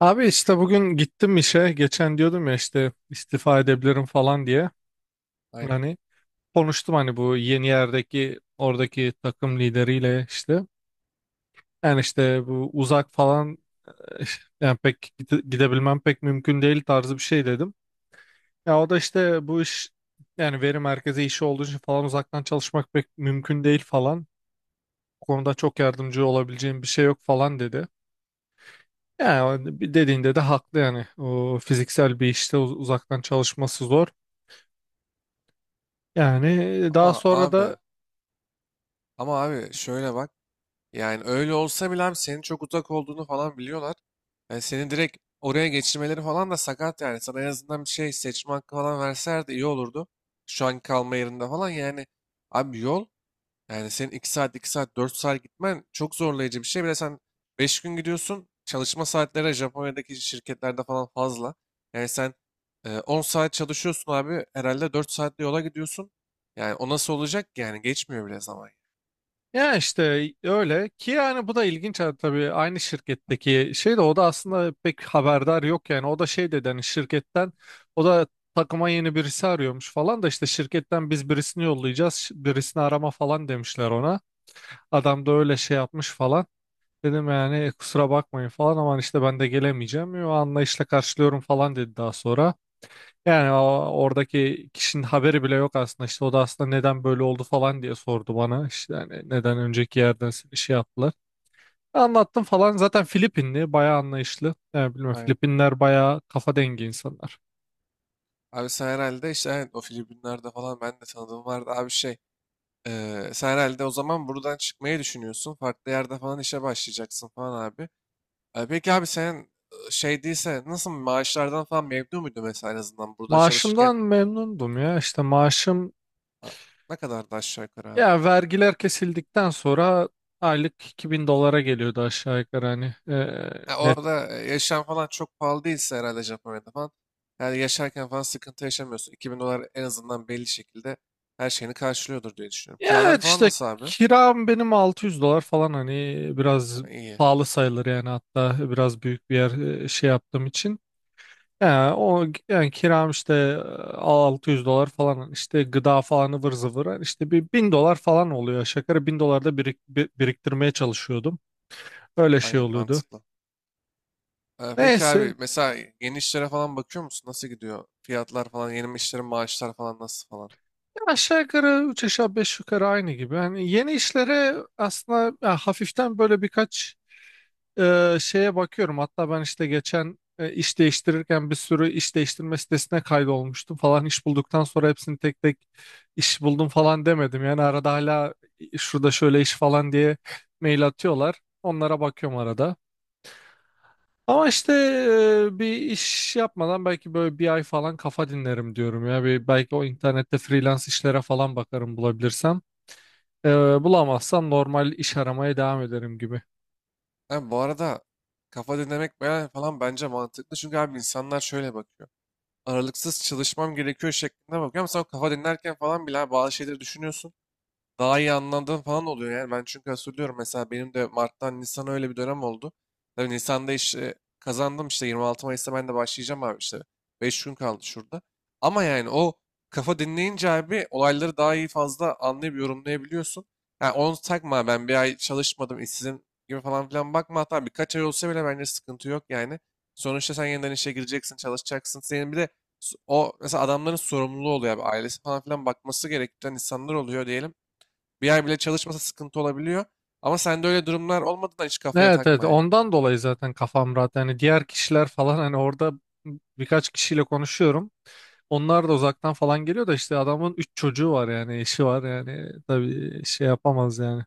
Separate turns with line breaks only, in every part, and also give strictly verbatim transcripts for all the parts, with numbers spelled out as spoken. Abi işte bugün gittim işe. Geçen diyordum ya işte istifa edebilirim falan diye.
Aynen.
Yani konuştum hani bu yeni yerdeki oradaki takım lideriyle işte. Yani işte bu uzak falan eh, yani pek gide- gidebilmem pek mümkün değil tarzı bir şey dedim. Ya o da işte bu iş yani veri merkezi işi olduğu için falan uzaktan çalışmak pek mümkün değil falan. Bu konuda çok yardımcı olabileceğim bir şey yok falan dedi. Yani o dediğinde de haklı yani. O fiziksel bir işte uz- uzaktan çalışması zor. Yani daha
Ama
sonra
abi,
da
ama abi şöyle bak. Yani öyle olsa bile abi senin çok uzak olduğunu falan biliyorlar. Yani seni direkt oraya geçirmeleri falan da sakat yani. Sana en azından bir şey seçme hakkı falan verseler de iyi olurdu. Şu anki kalma yerinde falan yani. Abi yol. Yani senin iki saat, iki saat, dört saat gitmen çok zorlayıcı bir şey. Bir de sen beş gün gidiyorsun. Çalışma saatleri Japonya'daki şirketlerde falan fazla. Yani sen e, on saat çalışıyorsun abi. Herhalde dört saatte yola gidiyorsun. Yani o nasıl olacak ki? Yani geçmiyor bile zaman.
ya işte öyle ki yani bu da ilginç, ha tabii aynı şirketteki şey de o da aslında pek haberdar yok yani. O da şey dedi hani şirketten. O da takıma yeni birisi arıyormuş falan da işte şirketten biz birisini yollayacağız, ş- birisini arama falan demişler ona. Adam da öyle şey yapmış falan dedim. Yani "E, kusura bakmayın falan ama işte ben de gelemeyeceğim, o anlayışla karşılıyorum" falan dedi daha sonra. Yani o, oradaki kişinin haberi bile yok aslında. İşte o da aslında neden böyle oldu falan diye sordu bana. İşte hani neden önceki yerden seni şey yaptılar. Anlattım falan. Zaten Filipinli, bayağı anlayışlı. Yani bilmiyorum,
Aynen.
Filipinler bayağı kafa dengi insanlar.
Abi sen herhalde işte evet, o Filipinler'de falan ben de tanıdığım vardı abi şey. e, sen herhalde o zaman buradan çıkmayı düşünüyorsun. Farklı yerde falan işe başlayacaksın falan abi. E, peki abi senin e, şey değilse nasıl maaşlardan falan memnun muydun mesela en azından burada çalışırken.
Maaşımdan memnundum ya. İşte maaşım,
Ha, ne kadardı aşağı yukarı abi?
ya vergiler kesildikten sonra aylık iki bin dolara geliyordu aşağı yukarı hani, e,
Ha,
net.
orada e, yaşam falan çok pahalı değilse herhalde Japonya'da falan. Yani yaşarken falan sıkıntı yaşamıyorsun. iki bin dolar en azından belli şekilde her şeyini karşılıyordur diye düşünüyorum.
Ya
Kiralar
evet
falan
işte
nasıl abi?
kiram benim 600 dolar falan, hani
Ha,
biraz
iyi.
pahalı sayılır yani, hatta biraz büyük bir yer e, şey yaptığım için. Ya o yani kiram işte e, 600 dolar falan hani, işte gıda falan ıvır zıvır yani işte bir bin dolar falan oluyor. Şakara bin dolar da birik- bi- biriktirmeye çalışıyordum. Öyle şey
Aynen
oluyordu.
mantıklı. E, peki
Neyse,
abi mesela yeni işlere falan bakıyor musun? Nasıl gidiyor? Fiyatlar falan, yeni işlerin maaşlar falan nasıl falan?
ya aşağı yukarı üç aşağı beş yukarı aynı gibi. Yani yeni işlere aslında ya hafiften böyle birkaç e, şeye bakıyorum. Hatta ben işte geçen, e, iş değiştirirken bir sürü iş değiştirme sitesine kaydolmuştum falan. İş bulduktan sonra hepsini tek tek iş buldum falan demedim, yani arada hala şurada şöyle iş falan diye mail atıyorlar, onlara bakıyorum arada. Ama işte e, bir iş yapmadan belki böyle bir ay falan kafa dinlerim diyorum ya, bir, belki o internette freelance işlere falan bakarım, bulabilirsem. E, Bulamazsam normal iş aramaya devam ederim gibi.
Abi bu arada kafa dinlemek ben- falan bence mantıklı. Çünkü abi insanlar şöyle bakıyor. Aralıksız çalışmam gerekiyor şeklinde bakıyor. Ama sen o kafa dinlerken falan bile abi bazı şeyleri düşünüyorsun, daha iyi anladığım falan oluyor yani. Ben çünkü hatırlıyorum mesela benim de Mart'tan Nisan'a öyle bir dönem oldu. Tabii Nisan'da işte kazandım, işte yirmi altı Mayıs'ta ben de başlayacağım abi işte. beş gün kaldı şurada. Ama yani o kafa dinleyince abi olayları daha iyi fazla anlayıp yorumlayabiliyorsun. Yani onu takma, ben bir ay çalışmadım işsizim gibi falan filan bakma, hatta birkaç ay olsa bile bence sıkıntı yok yani. Sonuçta sen yeniden işe gireceksin, çalışacaksın. Senin bir de s- o mesela adamların sorumluluğu oluyor abi. Ailesi falan filan bakması gereken insanlar oluyor diyelim. Bir ay bile çalışmasa sıkıntı olabiliyor. Ama sende öyle durumlar olmadığından hiç kafaya
Evet, evet,
takma yani.
ondan dolayı zaten kafam rahat. Yani diğer kişiler falan hani orada birkaç kişiyle konuşuyorum. Onlar da uzaktan falan geliyor da işte, adamın üç çocuğu var yani, eşi var yani, tabii şey yapamaz yani.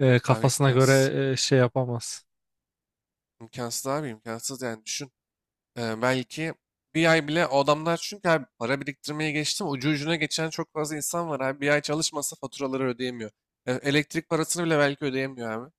E,
Abi
kafasına
imkansız.
göre e, şey yapamaz.
İmkansız abi, imkansız yani düşün. Ee, belki bir ay bile o adamlar çünkü abi para biriktirmeye geçtim. Ucu ucuna geçen çok fazla insan var abi. Bir ay çalışmasa faturaları ödeyemiyor. E, elektrik parasını bile belki ödeyemiyor abi.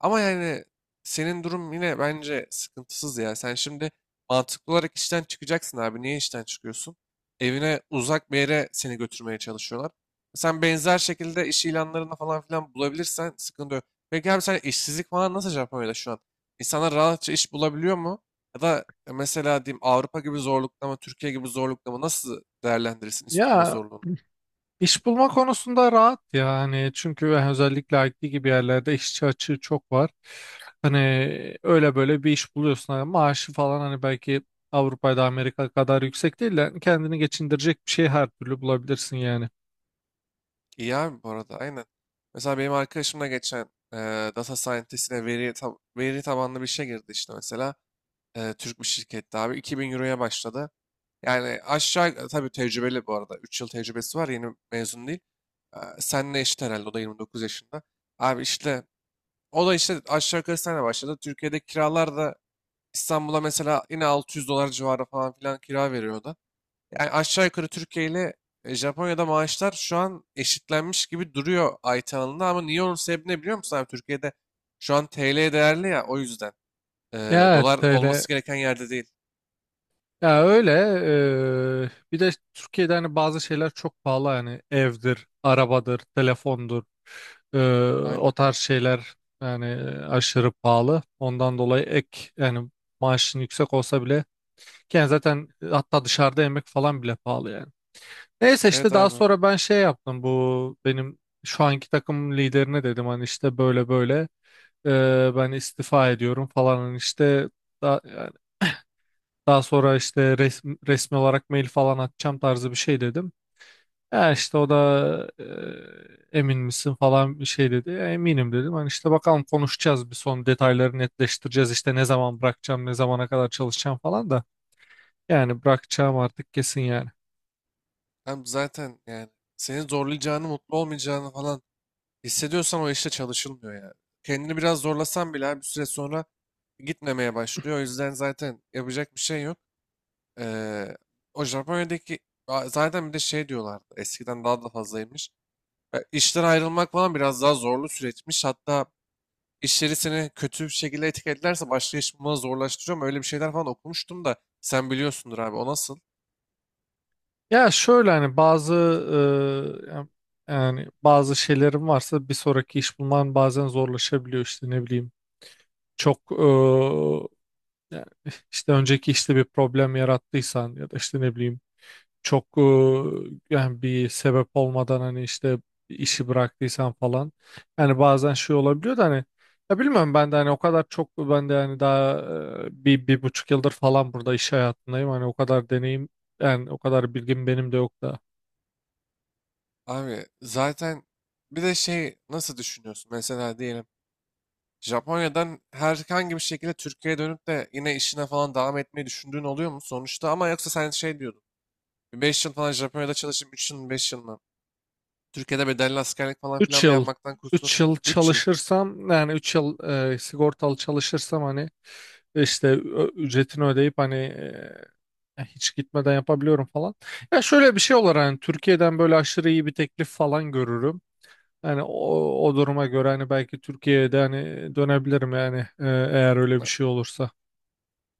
Ama yani senin durum yine bence sıkıntısız ya. Sen şimdi mantıklı olarak işten çıkacaksın abi. Niye işten çıkıyorsun? Evine uzak bir yere seni götürmeye çalışıyorlar. Sen benzer şekilde iş ilanlarında falan filan bulabilirsen sıkıntı yok. Peki abi sen işsizlik falan nasıl Japonya'da şu an? İnsanlar rahatça iş bulabiliyor mu? Ya da mesela diyeyim, Avrupa gibi zorlukta mı, Türkiye gibi zorlukta mı, nasıl değerlendirirsin iş bulma
Ya
zorluğunu?
İş bulma konusunda rahat yani, çünkü özellikle I T gibi yerlerde işçi açığı çok var. Hani öyle böyle bir iş buluyorsun. Hani maaşı falan hani, belki Avrupa'da Amerika kadar yüksek değil de hani, kendini geçindirecek bir şey her türlü bulabilirsin yani.
İyi abi bu arada aynen. Mesela benim arkadaşımla geçen e, data scientist'ine veri, tab- veri tabanlı bir şey girdi işte mesela. E, Türk bir şirkette abi iki bin euroya başladı. Yani aşağı e, tabii tecrübeli bu arada. Üç yıl tecrübesi var, yeni mezun değil. E, senle eşit herhalde, o da yirmi dokuz yaşında. Abi işte o da işte aşağı yukarı senle başladı. Türkiye'de kiralar da İstanbul'a mesela yine altı yüz dolar civarı falan filan kira veriyordu. Yani aşağı yukarı Türkiye ile e, Japonya'da maaşlar şu an eşitlenmiş gibi duruyor ay alanında, ama niye, onun sebebi ne biliyor musun abi? Türkiye'de şu an T L değerli ya, o yüzden. Ee,
Ya evet,
dolar
öyle.
olması gereken yerde değil.
Ya öyle, eee, bir de Türkiye'de hani bazı şeyler çok pahalı yani; evdir, arabadır, telefondur, eee, o
Aynen.
tarz şeyler yani, aşırı pahalı. Ondan dolayı ek yani, maaşın yüksek olsa bile. Yani zaten, e, hatta dışarıda yemek falan bile pahalı yani. Neyse,
Evet
işte daha
abi.
sonra ben şey yaptım, bu benim şu anki takım liderine dedim hani, işte böyle böyle, e, ben istifa ediyorum falan. Hani işte daha, yani daha sonra işte resmi, resmi olarak mail falan atacağım tarzı bir şey dedim. Ya işte o da e, emin misin falan bir şey dedi. "Ya eminim" dedim. Hani işte bakalım, konuşacağız, bir son detayları netleştireceğiz, işte ne zaman bırakacağım, ne zamana kadar çalışacağım falan da, yani bırakacağım artık, kesin yani.
Hem zaten yani seni zorlayacağını, mutlu olmayacağını falan hissediyorsan o işte çalışılmıyor yani. Kendini biraz zorlasan bile abi bir süre sonra gitmemeye başlıyor. O yüzden zaten yapacak bir şey yok. Ee, o Japonya'daki, aa, zaten bir de şey diyorlardı. Eskiden daha da fazlaymış. E, işten ayrılmak falan biraz daha zorlu süreçmiş. Hatta işleri seni kötü bir şekilde etiketlerse başka iş bulmanı zorlaştırıyor mu? Öyle bir şeyler falan okumuştum da sen biliyorsundur abi, o nasıl?
Ya şöyle, hani bazı e, ya- yani bazı şeylerim varsa bir sonraki iş bulman bazen zorlaşabiliyor, işte ne bileyim çok e, yani işte önceki işte bir problem yarattıysan, ya da işte ne bileyim çok e, yani bir sebep olmadan hani işte işi bıraktıysan falan, yani bazen şey olabiliyor da hani. Ya bilmiyorum, ben de hani o kadar çok, ben de hani daha e, bir, bir buçuk yıldır falan burada iş hayatındayım, hani o kadar deneyim yani, o kadar bilgim benim de yok da.
Abi zaten bir de şey nasıl düşünüyorsun? Mesela diyelim Japonya'dan herhangi bir şekilde Türkiye'ye dönüp de yine işine falan devam etmeyi düşündüğün oluyor mu sonuçta? Ama yoksa sen şey diyordun. Beş yıl falan Japonya'da çalışıp üç yıl beş yıl mı? Türkiye'de bedelli askerlik falan
Üç
filan da
yıl
yapmaktan kurtulur.
üç yıl
Üç yıl.
çalışırsam yani, üç yıl e, sigortalı çalışırsam hani, işte ö- ücretini ödeyip hani e, hiç gitmeden yapabiliyorum falan. Ya şöyle bir şey olur hani, Türkiye'den böyle aşırı iyi bir teklif falan görürüm. Yani o, o duruma göre hani belki Türkiye'de hani dönebilirim yani, e, eğer öyle bir şey olursa.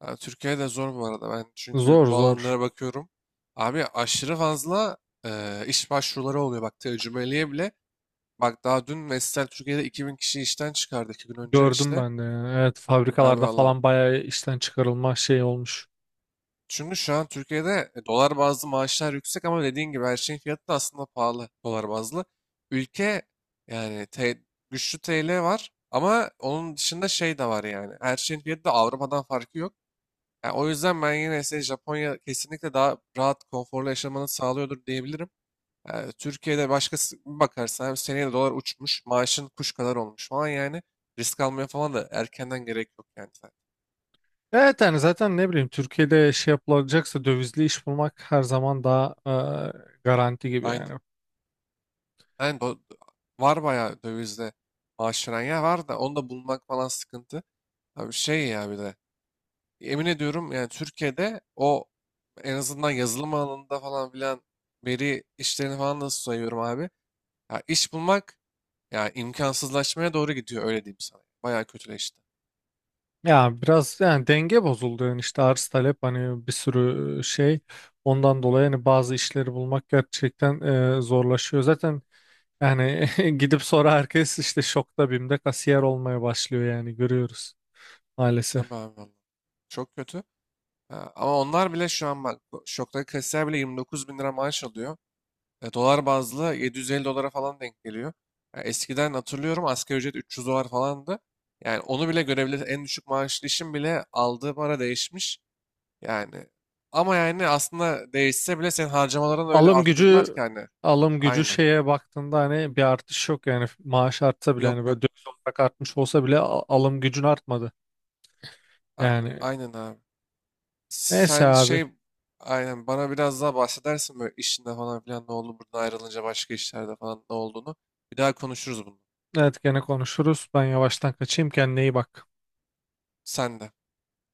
Ha, Türkiye'de zor bu arada. Ben çünkü
Zor,
bu
zor.
alanlara bakıyorum. Abi aşırı fazla e, iş başvuruları oluyor. Bak tecrübeliye bile. Bak daha dün Vestel Türkiye'de iki bin kişi işten çıkardı, iki gün önce
Gördüm
işte.
ben de yani. Evet,
Abi
fabrikalarda
valla.
falan bayağı işten çıkarılma şey olmuş.
Çünkü şu an Türkiye'de e, dolar bazlı maaşlar yüksek ama dediğin gibi her şeyin fiyatı da aslında pahalı, dolar bazlı. Ülke yani te- güçlü T L var ama onun dışında şey de var yani. Her şeyin fiyatı da Avrupa'dan farkı yok. Yani o yüzden ben yine size Japonya kesinlikle daha rahat, konforlu yaşamanı sağlıyordur diyebilirim. Yani Türkiye'de başkası bir bakarsan hem seneye de dolar uçmuş, maaşın kuş kadar olmuş falan yani. Risk almaya falan da erkenden gerek yok yani. Zaten.
Evet yani, zaten ne bileyim Türkiye'de şey yapılacaksa dövizli iş bulmak her zaman daha e, garanti gibi yani.
Aynen. Yani do- var bayağı dövizde maaş veren yer var da onu da bulmak falan sıkıntı. Abi şey ya bir de emin ediyorum yani Türkiye'de o en azından yazılım alanında falan filan veri işlerini falan nasıl sayıyorum abi. Ya iş bulmak, ya imkansızlaşmaya doğru gidiyor, öyle diyeyim sana. Bayağı kötüleşti.
Ya biraz yani denge bozuldu yani, işte arz talep, hani bir sürü şey, ondan dolayı hani bazı işleri bulmak gerçekten e, zorlaşıyor. Zaten yani gidip sonra herkes işte şokta, BİM'de kasiyer olmaya başlıyor yani, görüyoruz
Tabii
maalesef.
abi vallahi. Çok kötü. Ha, ama onlar bile şu an bak, bu şoktaki kasiyer bile yirmi dokuz bin lira maaş alıyor. E, dolar bazlı yedi yüz elli dolara falan denk geliyor. Ya eskiden hatırlıyorum asgari ücret üç yüz dolar falandı. Yani onu bile görebilir. En düşük maaşlı işin bile aldığı para değişmiş. Yani ama yani aslında değişse bile senin harcamalarını öyle
alım
arttırdılar
gücü
ki hani.
Alım gücü
Aynen.
şeye baktığında hani bir artış yok yani, maaş artsa bile
Yok
hani,
yok.
böyle döviz olarak artmış olsa bile a- alım gücün artmadı.
A-
Yani
aynen abi.
neyse
Sen
abi.
şey aynen bana biraz daha bahsedersin böyle işinde falan filan ne oldu buradan ayrılınca, başka işlerde falan ne olduğunu. Bir daha konuşuruz bunu.
Evet, gene konuşuruz. Ben yavaştan kaçayım, kendine iyi bak.
Sen de.